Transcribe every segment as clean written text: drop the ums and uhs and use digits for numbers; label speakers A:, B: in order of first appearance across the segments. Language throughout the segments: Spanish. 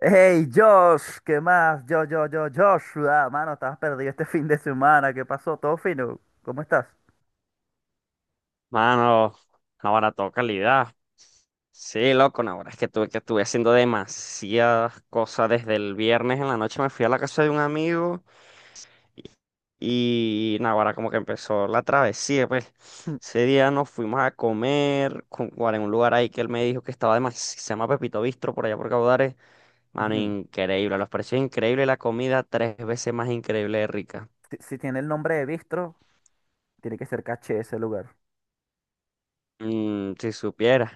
A: Hey Josh, ¿qué más? Yo, Joshua, mano, estabas perdido este fin de semana, ¿qué pasó? ¿Todo fino? ¿Cómo estás?
B: Mano, ahora toda calidad. Sí, loco, no, ahora es que tuve que estuve haciendo demasiadas cosas desde el viernes en la noche. Me fui a la casa de un amigo y, y no, ahora como que empezó la travesía, pues.
A: Mm,
B: Ese día nos fuimos a comer en un lugar ahí que él me dijo que estaba demasiado, se llama Pepito Bistro por allá por Caudares. Mano,
A: ujú.
B: increíble, los precios increíbles, la comida tres veces más increíble de rica.
A: Si tiene el nombre de Bistro, tiene que ser caché ese lugar.
B: Mm, si supieras.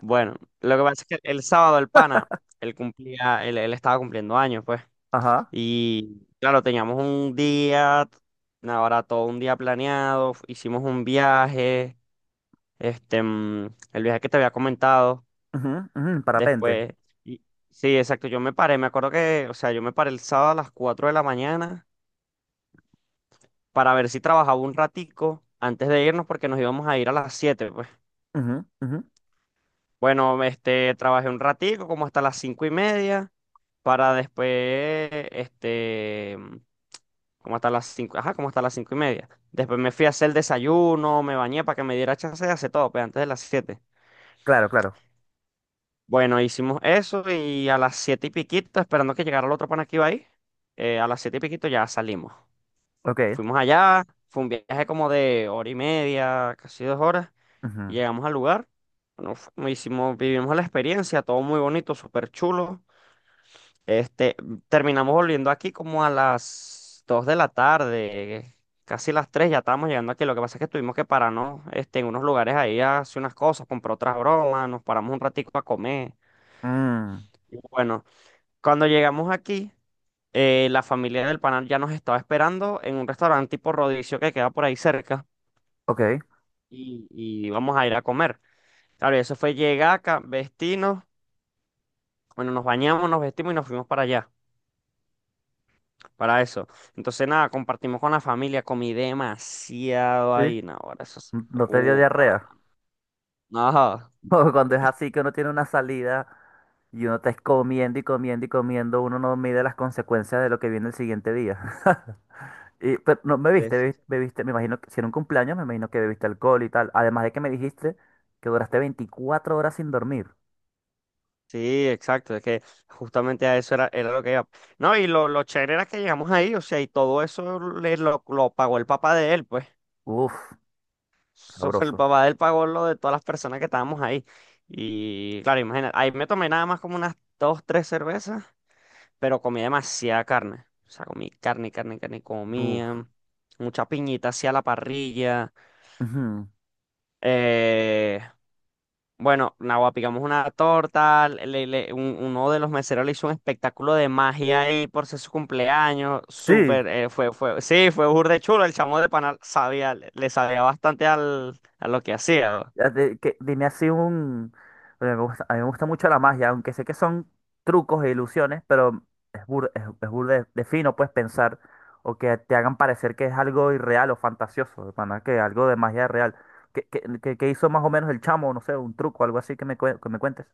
B: Bueno, lo que pasa es que el sábado el pana, él estaba cumpliendo años, pues.
A: Ajá.
B: Y claro, teníamos un día, ahora todo un día planeado, hicimos un viaje, este, mm, el viaje que te había comentado,
A: Ujú. Parapente.
B: después, y- sí, exacto, yo me paré, me acuerdo que, o sea, yo me paré el sábado a las 4 de la mañana para ver si trabajaba un ratico antes de irnos porque nos íbamos a ir a las 7.
A: Ujú.
B: Bueno, trabajé un ratico, como hasta las 5:30, para después, este, mm, como hasta las cinco, ajá, como hasta las 5:30. Después me fui a hacer el desayuno, me bañé para que me diera chance de hacer todo, pues antes de las siete.
A: Claro, claro.
B: Bueno, hicimos eso y a las siete y piquito, esperando que llegara el otro pana que iba ahí, a las siete y piquito ya salimos.
A: Ok.
B: Fuimos allá, fue un viaje como de hora y media, casi 2 horas, y
A: ujú.
B: llegamos al lugar. Bueno, vivimos la experiencia, todo muy bonito, súper chulo. Este, terminamos volviendo aquí como a las 2 de la tarde, casi las 3 ya estábamos llegando aquí. Lo que pasa es que tuvimos que pararnos, en unos lugares ahí a hacer unas cosas, comprar otras bromas, nos paramos un ratico a comer.
A: Mm,
B: Y bueno, cuando llegamos aquí, la familia del panal ya nos estaba esperando en un restaurante tipo Rodicio que queda por ahí cerca
A: ok.
B: y vamos a ir a comer. Claro, y eso fue llegar acá, vestirnos, bueno, nos bañamos, nos vestimos y nos fuimos para allá. Para eso. Entonces, nada, compartimos con la familia, comí demasiado
A: Sí.
B: ahí, no, ahora eso es.
A: No te dio
B: Para.
A: diarrea.
B: No,
A: O cuando es así que uno tiene una salida y uno está comiendo y comiendo y comiendo, uno no mide las consecuencias de lo que viene el siguiente día. Y, pero no me viste, bebiste,
B: es-
A: bebiste, me imagino que si era un cumpleaños, me imagino que bebiste alcohol y tal. Además de que me dijiste que duraste 24 horas sin dormir.
B: sí, exacto, es que justamente a eso era lo que iba. No, y lo chévere era que llegamos ahí, o sea, y todo eso lo pagó el papá de él, pues.
A: Uf,
B: So, el
A: sabroso.
B: papá de él pagó lo de todas las personas que estábamos ahí. Y claro, imagínate, ahí me tomé nada más como unas dos, tres cervezas. Pero comí demasiada carne. O sea, comí carne, carne, carne,
A: Uf.
B: comía. Mucha piñita hacia la parrilla.
A: Ujú.
B: Eh, bueno, nada, picamos una torta. Uno de los meseros le hizo un espectáculo de magia ahí por ser su cumpleaños.
A: Sí,
B: Súper, sí, fue burde chulo. El chamo de panal sabía, le sabía bastante a lo que hacía, ¿no?
A: dime así un... Bueno, a mí me gusta mucho la magia, aunque sé que son trucos e ilusiones, pero es burda de fino, puedes pensar o que te hagan parecer que es algo irreal o fantasioso, de pana, que algo de magia real. ¿ Qué hizo más o menos el chamo? No sé, un truco, algo así que que me cuentes.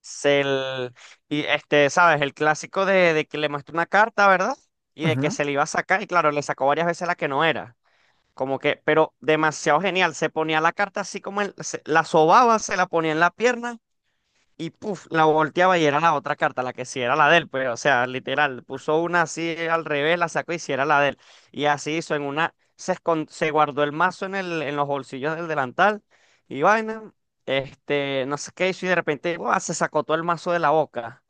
B: Se l- y este, sabes, el clásico de que le muestra una carta, ¿verdad? Y de que se le iba a sacar, y claro, le sacó varias veces la que no era. Como que, pero demasiado genial. Se ponía la carta así como él, la sobaba, se la ponía en la pierna y puf, la volteaba y era la otra carta, la que sí era la de él, pues, o sea, literal, puso una así al revés, la sacó y sí era la de él. Y así hizo en una, se guardó el mazo en en los bolsillos del delantal y vaina, no sé qué hizo y de repente, ¡buah! Se sacó todo el mazo de la boca.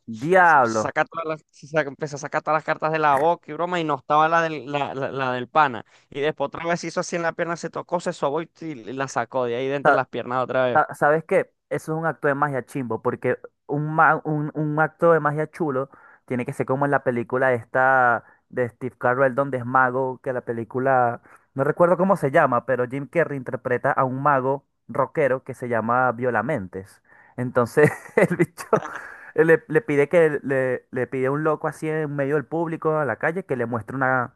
B: Se
A: Diablo,
B: saca todas las- se saca- empezó a sacar todas las cartas de la boca y broma, y no estaba la la del pana. Y después otra vez hizo así en la pierna, se tocó, se sobó y la sacó de ahí de entre
A: sa-
B: las piernas otra vez.
A: ¿sabes qué? Eso es un acto de magia chimbo, porque un acto de magia chulo tiene que ser como en la película esta de Steve Carell, donde es mago, que la película, no recuerdo cómo se llama, pero Jim Carrey interpreta a un mago rockero que se llama Violamentes. Entonces el bicho le pide que le pide a un loco así en medio del público, a la calle, que le muestre una,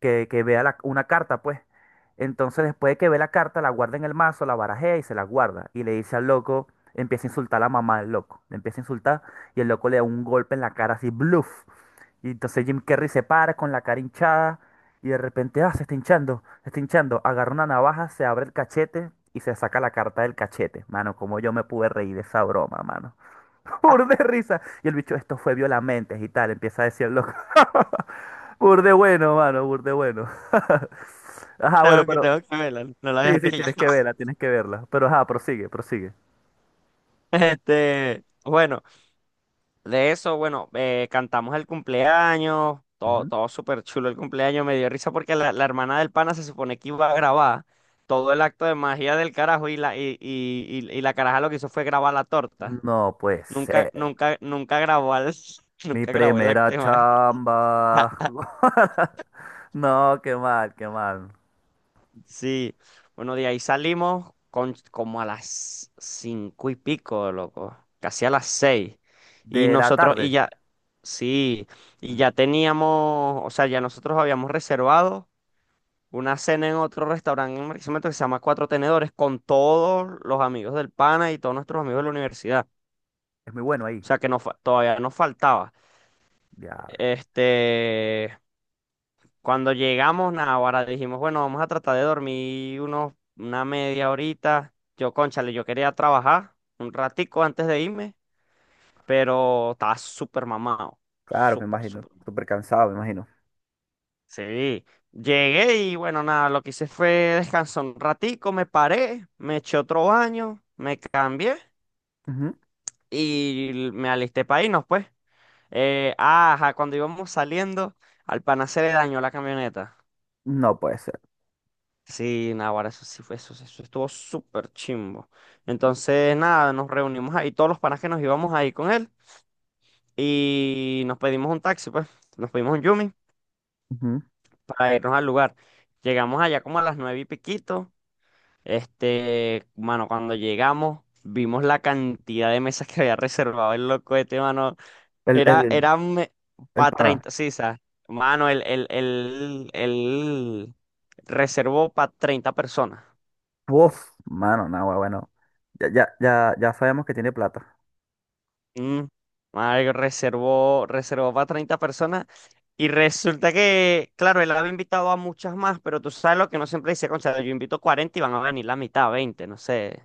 A: que vea una carta, pues. Entonces, después de que ve la carta, la guarda en el mazo, la barajea y se la guarda. Y le dice al loco, empieza a insultar a la mamá del loco. Le empieza a insultar y el loco le da un golpe en la cara así, bluff. Y entonces Jim Carrey se para con la cara hinchada y de repente, ah, se está hinchando, se está hinchando. Agarra una navaja, se abre el cachete y se saca la carta del cachete. Mano, como yo me pude reír de esa broma, mano. Pur de risa. Y el bicho, esto fue violamente y tal, empieza a decir el loco. Pur de bueno, mano, pur de bueno. Ajá, bueno,
B: Tengo que,
A: pero
B: tengo que verla, no la había
A: sí,
B: pillado.
A: tienes que verla, tienes que verla. Pero ajá, prosigue, prosigue.
B: Bueno, de eso, bueno, cantamos el cumpleaños, todo,
A: Ujú.
B: todo súper chulo el cumpleaños, me dio risa porque la hermana del pana se supone que iba a grabar todo el acto de magia del carajo y la caraja lo que hizo fue grabar la torta.
A: No puede
B: Nunca,
A: ser.
B: nunca, nunca
A: Mi
B: nunca grabó el
A: primera
B: acto de magia.
A: chamba. No, qué mal, qué mal.
B: Sí, bueno, de ahí salimos como a las cinco y pico, loco, casi a las seis. Y
A: De la
B: nosotros, y
A: tarde.
B: ya, sí, y
A: Mm,
B: ya teníamos, o sea, ya nosotros habíamos reservado una cena en otro restaurante en Barquisimeto que se llama Cuatro Tenedores con todos los amigos del pana y todos nuestros amigos de la universidad.
A: es muy bueno ahí.
B: O sea, que todavía nos faltaba.
A: Diablo.
B: Este, Cuando llegamos, nah, ahora dijimos, bueno, vamos a tratar de dormir una media horita. Cónchale, yo quería trabajar un ratico antes de irme, pero estaba súper mamado.
A: Claro, me
B: Súper,
A: imagino.
B: súper.
A: Súper cansado, me imagino.
B: Sí. Llegué y bueno, nada, lo que hice fue descansar un ratico, me paré, me eché otro baño, me cambié
A: Ujú.
B: y me alisté para irnos, pues. Ajá, cuando íbamos saliendo, al pana se le dañó la camioneta.
A: No puede ser.
B: Sí, Naguará, eso sí fue, eso estuvo súper chimbo. Entonces, nada, nos reunimos ahí, todos los panas que nos íbamos ahí con él, y nos pedimos un taxi, pues, nos pedimos un Yumi
A: Ujú.
B: para irnos al lugar. Llegamos allá como a las nueve y piquito. Mano, cuando llegamos, vimos la cantidad de mesas que había reservado el loco este, mano.
A: El,
B: Era,
A: el,
B: era
A: el
B: para
A: pana.
B: 30, sí, ¿sabes? Mano, el reservó para 30 personas.
A: Uf, mano, no, bueno, bueno. Ya sabemos que tiene plata.
B: Mm, madre, reservó para 30 personas y resulta que, claro, él había invitado a muchas más, pero tú sabes lo que no siempre dice, concha, yo invito 40 y van a venir la mitad, 20 no sé,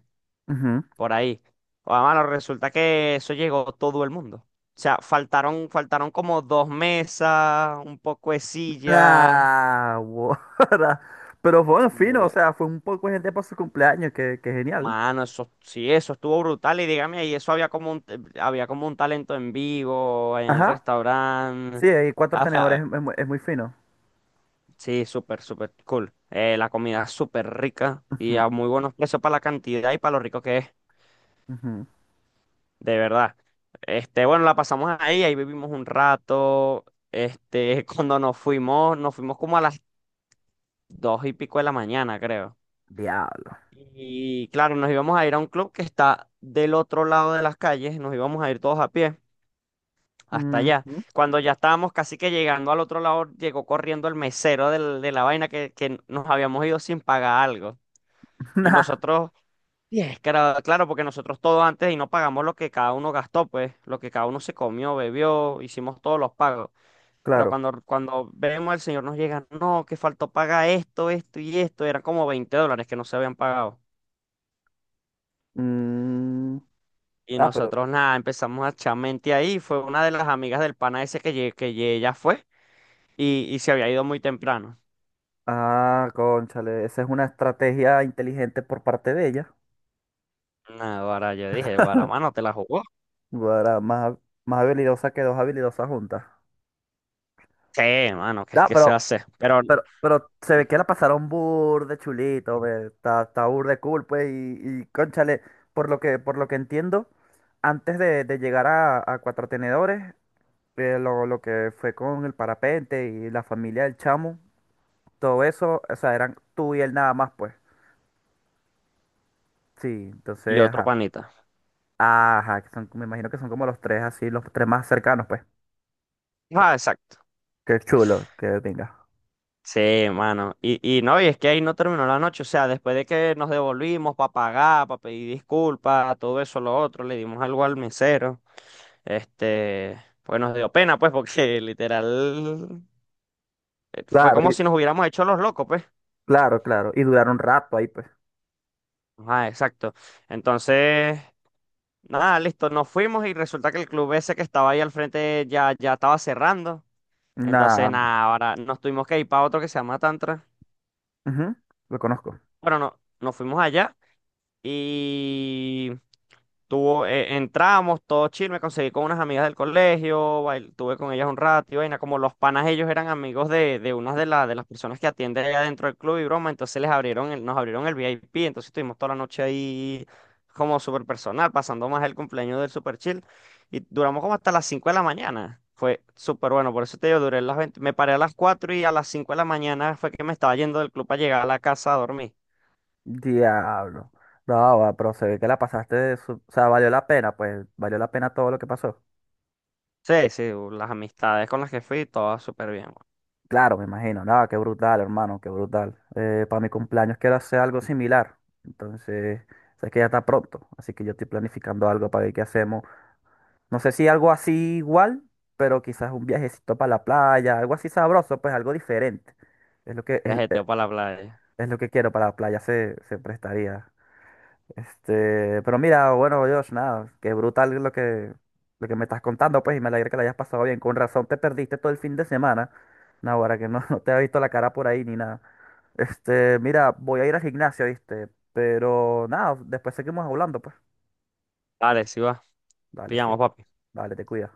A: Ujú.
B: por ahí. O mano, resulta que eso llegó todo el mundo. O sea, faltaron como dos mesas, un poco de sillas.
A: Ah, guara. Pero fue un fino, o
B: Bueno,
A: sea, fue un poco de gente para su cumpleaños, que genial.
B: mano, eso sí, eso estuvo brutal. Y dígame, ahí eso había como un talento en vivo en el
A: Ajá.
B: restaurante.
A: Sí, hay cuatro tenedores, es muy fino.
B: Sí, súper, súper cool. La comida es súper rica y a
A: Ujú,
B: muy buenos precios para la cantidad y para lo rico que es,
A: ujú.
B: de verdad. Bueno, la pasamos ahí, vivimos un rato. Cuando nos fuimos como a las dos y pico de la mañana, creo.
A: Diablo.
B: Y claro, nos íbamos a ir a un club que está del otro lado de las calles, nos íbamos a ir todos a pie hasta allá.
A: Ujú.
B: Cuando ya estábamos casi que llegando al otro lado, llegó corriendo el mesero de la vaina que nos habíamos ido sin pagar algo. Y
A: Nah,
B: nosotros Y es que era- claro, porque nosotros todo antes y no pagamos lo que cada uno gastó, pues, lo que cada uno se comió, bebió, hicimos todos los pagos. Ahora,
A: claro.
B: cuando vemos al señor nos llega, no, que faltó pagar esto, esto y esto, eran como $20 que no se habían pagado.
A: Mm,
B: Y
A: ah, pero.
B: nosotros nada, empezamos a echar mente ahí, fue una de las amigas del pana ese que ella fue y se había ido muy temprano.
A: Ah, cónchale, esa es una estrategia inteligente por parte de ella.
B: Nada, ahora yo dije, Guaramano, ¿te la jugó?
A: Guara, más, más habilidosa que dos habilidosas juntas.
B: Sí, mano, ¿qué es
A: Ah,
B: que se
A: pero,
B: hace? Pero,
A: pero se ve que la pasaron burde chulito, ve. Está, está bur cool, pues, y cónchale, por lo que entiendo, antes de llegar a Cuatro Tenedores, lo que fue con el parapente y la familia del chamo, todo eso, o sea, eran tú y él nada más, pues. Sí,
B: y
A: entonces,
B: otro
A: ajá.
B: panita.
A: Ajá, que son, me imagino que son como los tres así, los tres más cercanos, pues.
B: Ah, exacto.
A: Qué chulo, que venga.
B: Sí, mano. Y no, y es que ahí no terminó la noche. O sea, después de que nos devolvimos para pagar, para pedir disculpas, todo eso, lo otro, le dimos algo al mesero. Pues nos dio pena, pues, porque literal fue
A: Claro,
B: como
A: y-
B: si nos hubiéramos hecho los locos, pues.
A: claro, claro. Y duraron un rato ahí, pues.
B: Ah, exacto. Entonces, nada, listo, nos fuimos y resulta que el club ese que estaba ahí al frente ya estaba cerrando. Entonces,
A: Nada.
B: nada, ahora nos tuvimos que ir para otro que se llama Tantra.
A: Lo conozco.
B: Bueno, no, nos fuimos allá. Y entramos, todo chill, me conseguí con unas amigas del colegio, tuve con ellas un rato y vaina, como los panas ellos eran amigos de unas de las personas que atienden allá dentro del club y broma, entonces nos abrieron el VIP, entonces estuvimos toda la noche ahí como súper personal, pasando más el cumpleaños del super chill y duramos como hasta las 5 de la mañana, fue súper bueno, por eso te digo, duré las 20 me paré a las 4 y a las 5 de la mañana fue que me estaba yendo del club para llegar a la casa a dormir.
A: Diablo. No, va, pero se ve que la pasaste o sea, valió la pena, pues, valió la pena todo lo que pasó.
B: Sí, sí, las amistades con las que fui, todas súper bien.
A: Claro, me imagino. No, qué brutal, hermano, qué brutal. Para mi cumpleaños quiero hacer algo similar. Entonces, sé que ya está pronto, así que yo estoy planificando algo para ver qué hacemos. No sé si algo así igual, pero quizás un viajecito para la playa, algo así sabroso, pues algo diferente. Es lo que, es, es-
B: Viajeteo para la playa.
A: es lo que quiero para la playa, se prestaría. Este, pero mira, bueno, Dios, nada, qué brutal lo que me estás contando, pues, y me alegra que la hayas pasado bien. Con razón te perdiste todo el fin de semana. No, ahora que no, no te había visto la cara por ahí ni nada. Este, mira, voy a ir al gimnasio, ¿viste? Pero nada, después seguimos hablando, pues.
B: Dale, sí va.
A: Dale, sí,
B: Pillamos, papi.
A: dale, te cuidas.